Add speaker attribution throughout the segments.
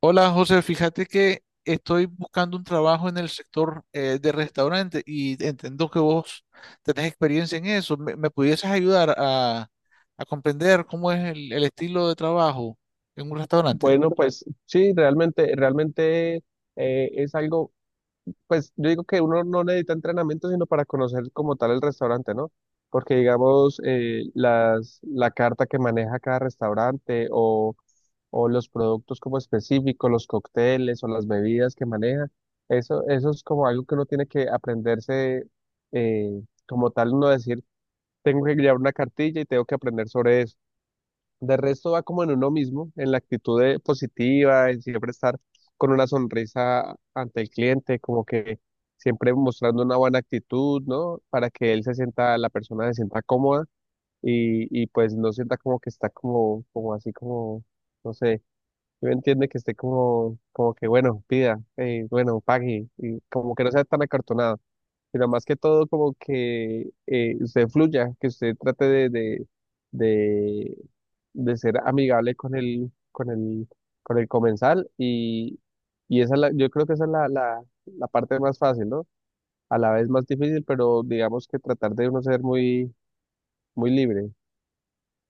Speaker 1: Hola José, fíjate que estoy buscando un trabajo en el sector de restaurante y entiendo que vos tenés experiencia en eso. ¿Me pudieses ayudar a comprender cómo es el estilo de trabajo en un restaurante?
Speaker 2: Bueno, pues sí, realmente es algo, pues yo digo que uno no necesita entrenamiento sino para conocer como tal el restaurante, ¿no? Porque digamos, la carta que maneja cada restaurante o los productos como específicos, los cócteles o las bebidas que maneja, eso es como algo que uno tiene que aprenderse eh, como tal, uno decir, tengo que llevar una cartilla y tengo que aprender sobre eso. De resto va como en uno mismo, en la actitud positiva, en siempre estar con una sonrisa ante el cliente, como que siempre mostrando una buena actitud, ¿no? Para que él se sienta, la persona se sienta cómoda y pues no sienta como que está como así como, no sé, yo entiende que esté como que bueno, pida, bueno, pague, y como que no sea tan acartonado sino más que todo como que usted fluya, que usted trate de, de ser amigable con el comensal y esa es yo creo que esa es la parte más fácil, ¿no? A la vez más difícil, pero digamos que tratar de uno ser muy, muy libre.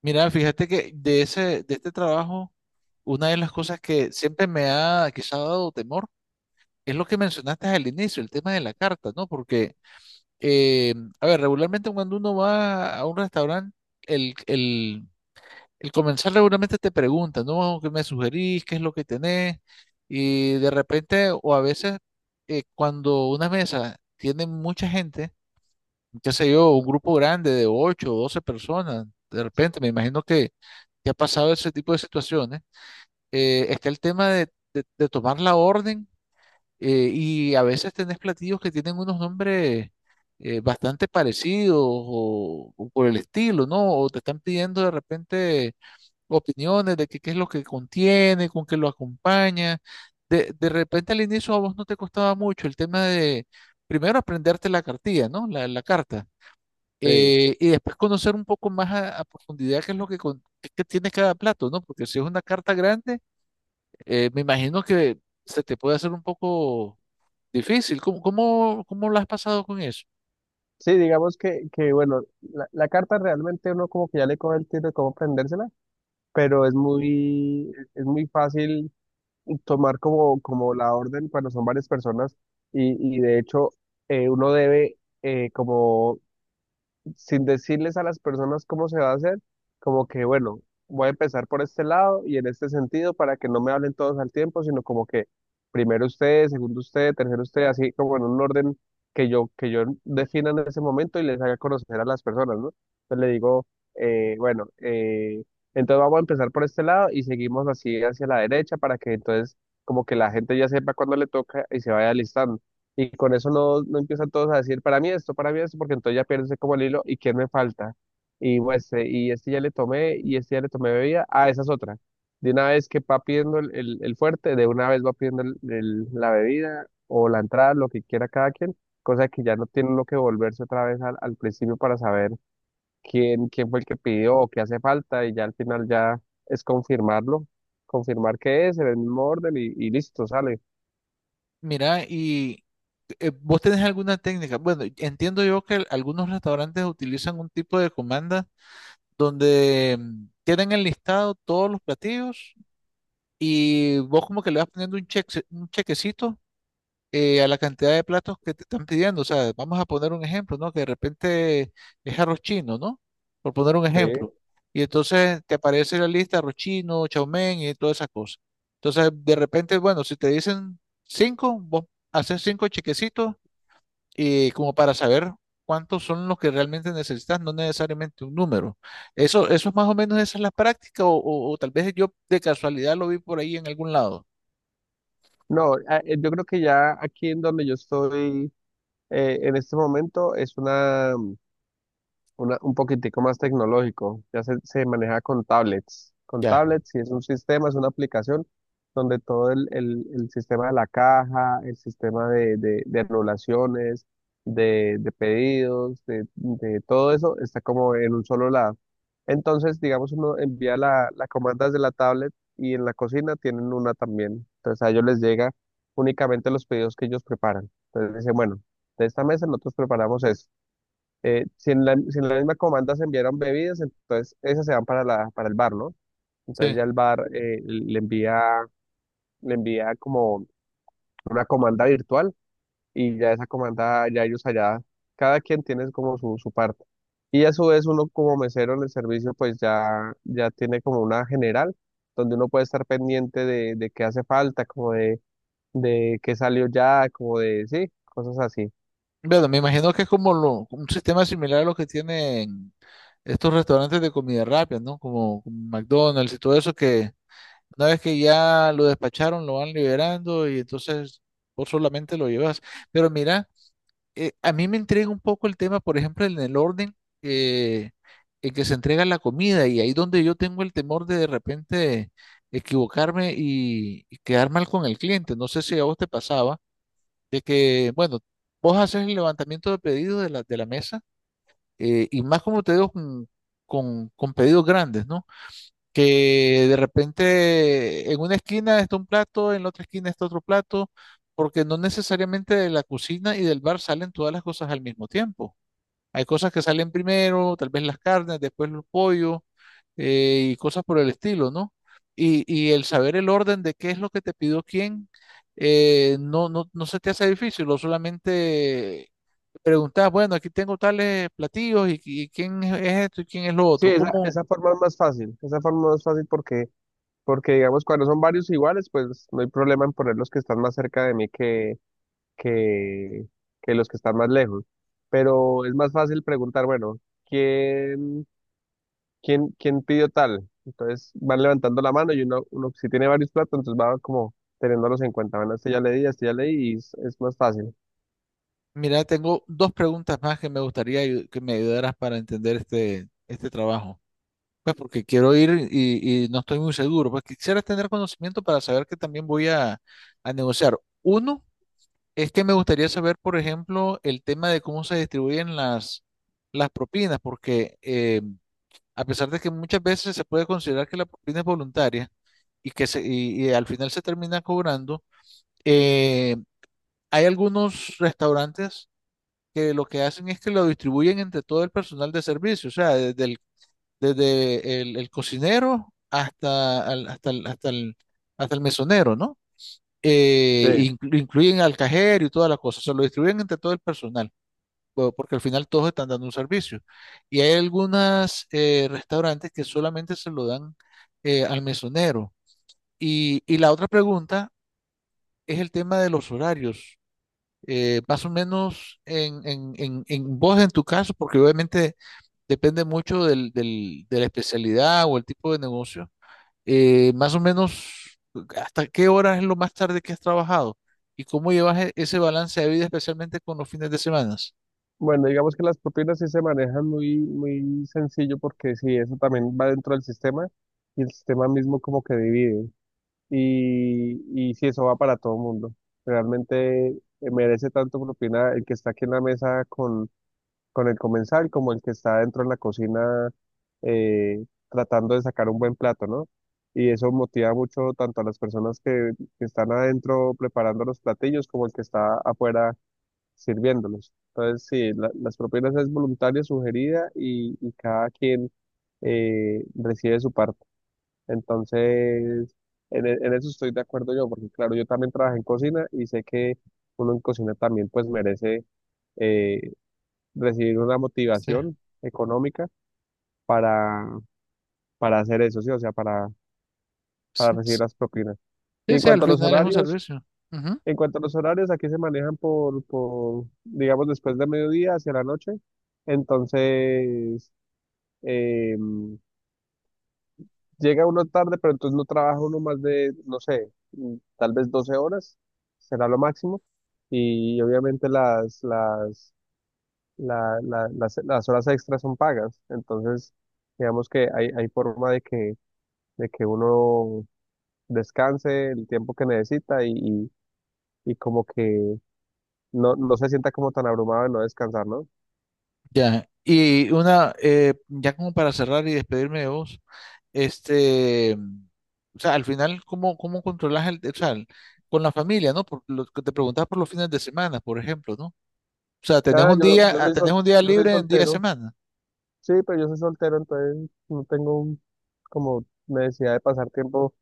Speaker 1: Mira, fíjate que de de este trabajo, una de las cosas que siempre me ha quizá dado temor es lo que mencionaste al inicio, el tema de la carta, ¿no? Porque, eh, a ver, regularmente cuando uno va a un restaurante, el el el comenzar regularmente te pregunta, ¿no? ¿Qué me sugerís? ¿Qué es lo que tenés? Y de repente, o a veces, cuando una mesa tiene mucha gente, qué sé yo, un grupo grande de 8 o 12 personas, de repente, me imagino que ha pasado ese tipo de situaciones, está el tema de tomar la orden, y a veces tenés platillos que tienen unos nombres bastante parecidos o por el estilo, ¿no? O te están pidiendo de repente opiniones de que qué es lo que contiene, con qué lo acompaña. De repente al inicio a vos no te costaba mucho el tema de primero aprenderte la cartilla, ¿no? La carta.
Speaker 2: Sí,
Speaker 1: Y después conocer un poco más a profundidad qué es lo que, qué tiene cada plato, ¿no? Porque si es una carta grande, me imagino que se te puede hacer un poco difícil. ¿ cómo lo has pasado con eso?
Speaker 2: sí, digamos que bueno, la carta realmente uno como que ya le coge el tiro de cómo aprendérsela, pero es muy fácil tomar como la orden cuando son varias personas y de hecho uno debe como sin decirles a las personas cómo se va a hacer, como que, bueno, voy a empezar por este lado y en este sentido para que no me hablen todos al tiempo, sino como que primero usted, segundo usted, tercero usted, así como en un orden que yo defina en ese momento y les haga conocer a las personas, ¿no? Entonces le digo, bueno, entonces vamos a empezar por este lado y seguimos así hacia la derecha para que entonces como que la gente ya sepa cuándo le toca y se vaya alistando y con eso no empiezan todos a decir, para mí esto, porque entonces ya pierdes como el hilo y quién me falta. Y pues, y este ya le tomé bebida, ah, esa es otra. De una vez que va pidiendo el fuerte, de una vez va pidiendo la bebida o la entrada, lo que quiera cada quien, cosa que ya no tiene uno que volverse otra vez al principio para saber quién fue el que pidió o qué hace falta, y ya al final ya es confirmarlo, confirmar que es en el mismo orden y listo, sale.
Speaker 1: Mira, y ¿vos tenés alguna técnica? Bueno, entiendo yo que algunos restaurantes utilizan un tipo de comanda donde tienen enlistado todos los platillos y vos como que le vas poniendo un cheque, un chequecito, a la cantidad de platos que te están pidiendo. O sea, vamos a poner un ejemplo, ¿no? Que de repente es arroz chino, ¿no? Por poner un ejemplo.
Speaker 2: Sí.
Speaker 1: Y entonces te aparece la lista arroz chino, chow mein y todas esas cosas. Entonces, de repente, bueno, si te dicen cinco, vos haces cinco chequecitos, como para saber cuántos son los que realmente necesitas, no necesariamente un número. Eso es más o menos, esa es la práctica, o tal vez yo de casualidad lo vi por ahí en algún lado.
Speaker 2: No, yo creo que ya aquí en donde yo estoy en este momento es un poquitico más tecnológico. Ya se maneja con tablets. Con
Speaker 1: Ya,
Speaker 2: tablets, y es un sistema, es una aplicación donde todo el sistema de la caja, el sistema de anulaciones, de pedidos, de todo eso está como en un solo lado. Entonces, digamos, uno envía la comanda desde la tablet y en la cocina tienen una también. Entonces, a ellos les llega únicamente los pedidos que ellos preparan. Entonces, dicen, bueno, de esta mesa nosotros preparamos esto si en la misma comanda se enviaron bebidas, entonces esas se van para el bar, ¿no? Entonces ya
Speaker 1: sí.
Speaker 2: el bar le envía como una comanda virtual y ya esa comanda, ya ellos allá, cada quien tiene como su parte. Y a su vez uno como mesero en el servicio pues ya tiene como una general donde uno puede estar pendiente de qué hace falta, como de qué salió ya, como de, sí, cosas así.
Speaker 1: Bueno, me imagino que es como un sistema similar a lo que tienen estos restaurantes de comida rápida, ¿no? Como McDonald's y todo eso, que una vez que ya lo despacharon, lo van liberando y entonces vos solamente lo llevas. Pero mira, a mí me intriga un poco el tema, por ejemplo, en el orden eh, en que se entrega la comida, y ahí donde yo tengo el temor de repente equivocarme y quedar mal con el cliente. No sé si a vos te pasaba de que, bueno, vos haces el levantamiento de pedidos de de la mesa, y más como te digo, con pedidos grandes, ¿no? Que de repente en una esquina está un plato, en la otra esquina está otro plato, porque no necesariamente de la cocina y del bar salen todas las cosas al mismo tiempo. Hay cosas que salen primero, tal vez las carnes, después los pollos, y cosas por el estilo, ¿no? Y el saber el orden de qué es lo que te pidió quién, no se te hace difícil, o solamente preguntas, bueno, aquí tengo tales platillos y quién es esto y quién es lo
Speaker 2: Sí,
Speaker 1: otro.
Speaker 2: esa,
Speaker 1: ¿Cómo?
Speaker 2: esa forma es más fácil, esa forma es más fácil, porque digamos, cuando son varios iguales, pues no hay problema en poner los que están más cerca de mí que, que los que están más lejos. Pero es más fácil preguntar, bueno, ¿quién, quién pidió tal? Entonces van levantando la mano y uno si tiene varios platos, entonces va como teniéndolos en cuenta. Bueno, este ya le di, y es más fácil.
Speaker 1: Mira, tengo dos preguntas más que me gustaría que me ayudaras para entender este trabajo. Pues porque quiero ir y no estoy muy seguro. Pues quisiera tener conocimiento para saber que también voy a negociar. Uno es que me gustaría saber, por ejemplo, el tema de cómo se distribuyen las propinas, porque a pesar de que muchas veces se puede considerar que la propina es voluntaria y que y al final se termina cobrando, eh, hay algunos restaurantes que lo que hacen es que lo distribuyen entre todo el personal de servicio, o sea, desde el cocinero hasta, al- hasta, el, hasta, el, hasta el mesonero, ¿no?
Speaker 2: Sí.
Speaker 1: Incluyen al cajero y toda la cosa, se lo distribuyen entre todo el personal, po- porque al final todos están dando un servicio. Y hay algunos restaurantes que solamente se lo dan, al mesonero. Y la otra pregunta es el tema de los horarios. Más o menos en vos, en tu caso, porque obviamente depende mucho de la especialidad o el tipo de negocio. Más o menos, ¿hasta qué hora es lo más tarde que has trabajado? ¿Y cómo llevas ese balance de vida, especialmente con los fines de semana?
Speaker 2: Bueno, digamos que las propinas sí se manejan muy, muy sencillo porque sí, eso también va dentro del sistema y el sistema mismo como que divide. Y, y si eso va para todo el mundo, realmente merece tanto propina el que está aquí en la mesa con el comensal como el que está dentro en la cocina eh, tratando de sacar un buen plato, ¿no? Y eso motiva mucho tanto a las personas que están adentro preparando los platillos como el que está afuera sirviéndolos. Entonces, sí, las propinas es voluntaria, sugerida y cada quien recibe su parte. Entonces, en eso estoy de acuerdo yo, porque claro, yo también trabajé en cocina y sé que uno en cocina también pues merece eh, recibir una
Speaker 1: Sí,
Speaker 2: motivación económica para, para hacer eso, ¿sí? O sea, para
Speaker 1: sí,
Speaker 2: recibir
Speaker 1: sí,
Speaker 2: las propinas. Y en
Speaker 1: sí, al
Speaker 2: cuanto a los
Speaker 1: final es un
Speaker 2: horarios,
Speaker 1: servicio. Ujú.
Speaker 2: en cuanto a los horarios, aquí se manejan por digamos, después de mediodía hacia la noche. Entonces, em, Llega uno tarde, pero entonces no trabaja uno más de, no sé, tal vez 12 horas, será lo máximo. Y obviamente las, la- la- las horas extras son pagas. Entonces, digamos que hay forma de que, uno descanse el tiempo que necesita y como que no se sienta como tan abrumado de no descansar, ¿no?
Speaker 1: Ya, y una, ya como para cerrar y despedirme de vos, este, o sea, al final, ¿cómo controlas o sea, con la familia, ¿no? Por lo que te preguntabas por los fines de semana, por ejemplo, ¿no? O sea, tenés
Speaker 2: Ah,
Speaker 1: un
Speaker 2: yo,
Speaker 1: día,
Speaker 2: yo
Speaker 1: ah,
Speaker 2: soy
Speaker 1: tenés
Speaker 2: sol,
Speaker 1: un día
Speaker 2: yo soy
Speaker 1: libre en día de
Speaker 2: soltero.
Speaker 1: semana.
Speaker 2: Sí, pero yo soy soltero, entonces no tengo como necesidad de pasar tiempo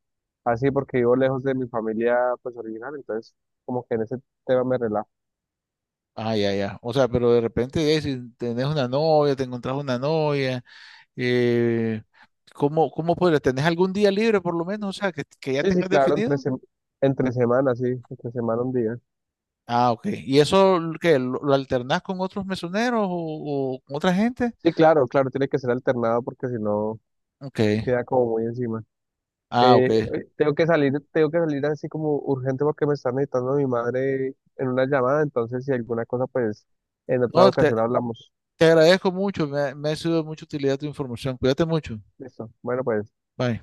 Speaker 2: así porque vivo lejos de mi familia pues original, entonces como que en ese tema me relajo.
Speaker 1: Ah, ya, ya. O sea, pero de repente, si tenés una novia, te encontrás una novia, eh, cómo podrías? ¿Tenés algún día libre por lo menos? O sea, que ya
Speaker 2: Sí, sí,
Speaker 1: tengas
Speaker 2: claro, entre,
Speaker 1: definido.
Speaker 2: sem- entre semana, sí, entre semana un día.
Speaker 1: Ah, ok. ¿Y eso qué? ¿ lo alternás con otros mesoneros o con otra gente?
Speaker 2: Sí, claro, claro, tiene que ser alternado porque si no
Speaker 1: Ok.
Speaker 2: queda como muy encima.
Speaker 1: Ah, ok.
Speaker 2: Tengo que salir así como urgente porque me está necesitando mi madre en una llamada, entonces si alguna cosa pues en otra
Speaker 1: No,
Speaker 2: ocasión hablamos.
Speaker 1: te agradezco mucho. Me ha sido de mucha utilidad tu información. Cuídate mucho.
Speaker 2: Listo, bueno pues.
Speaker 1: Bye.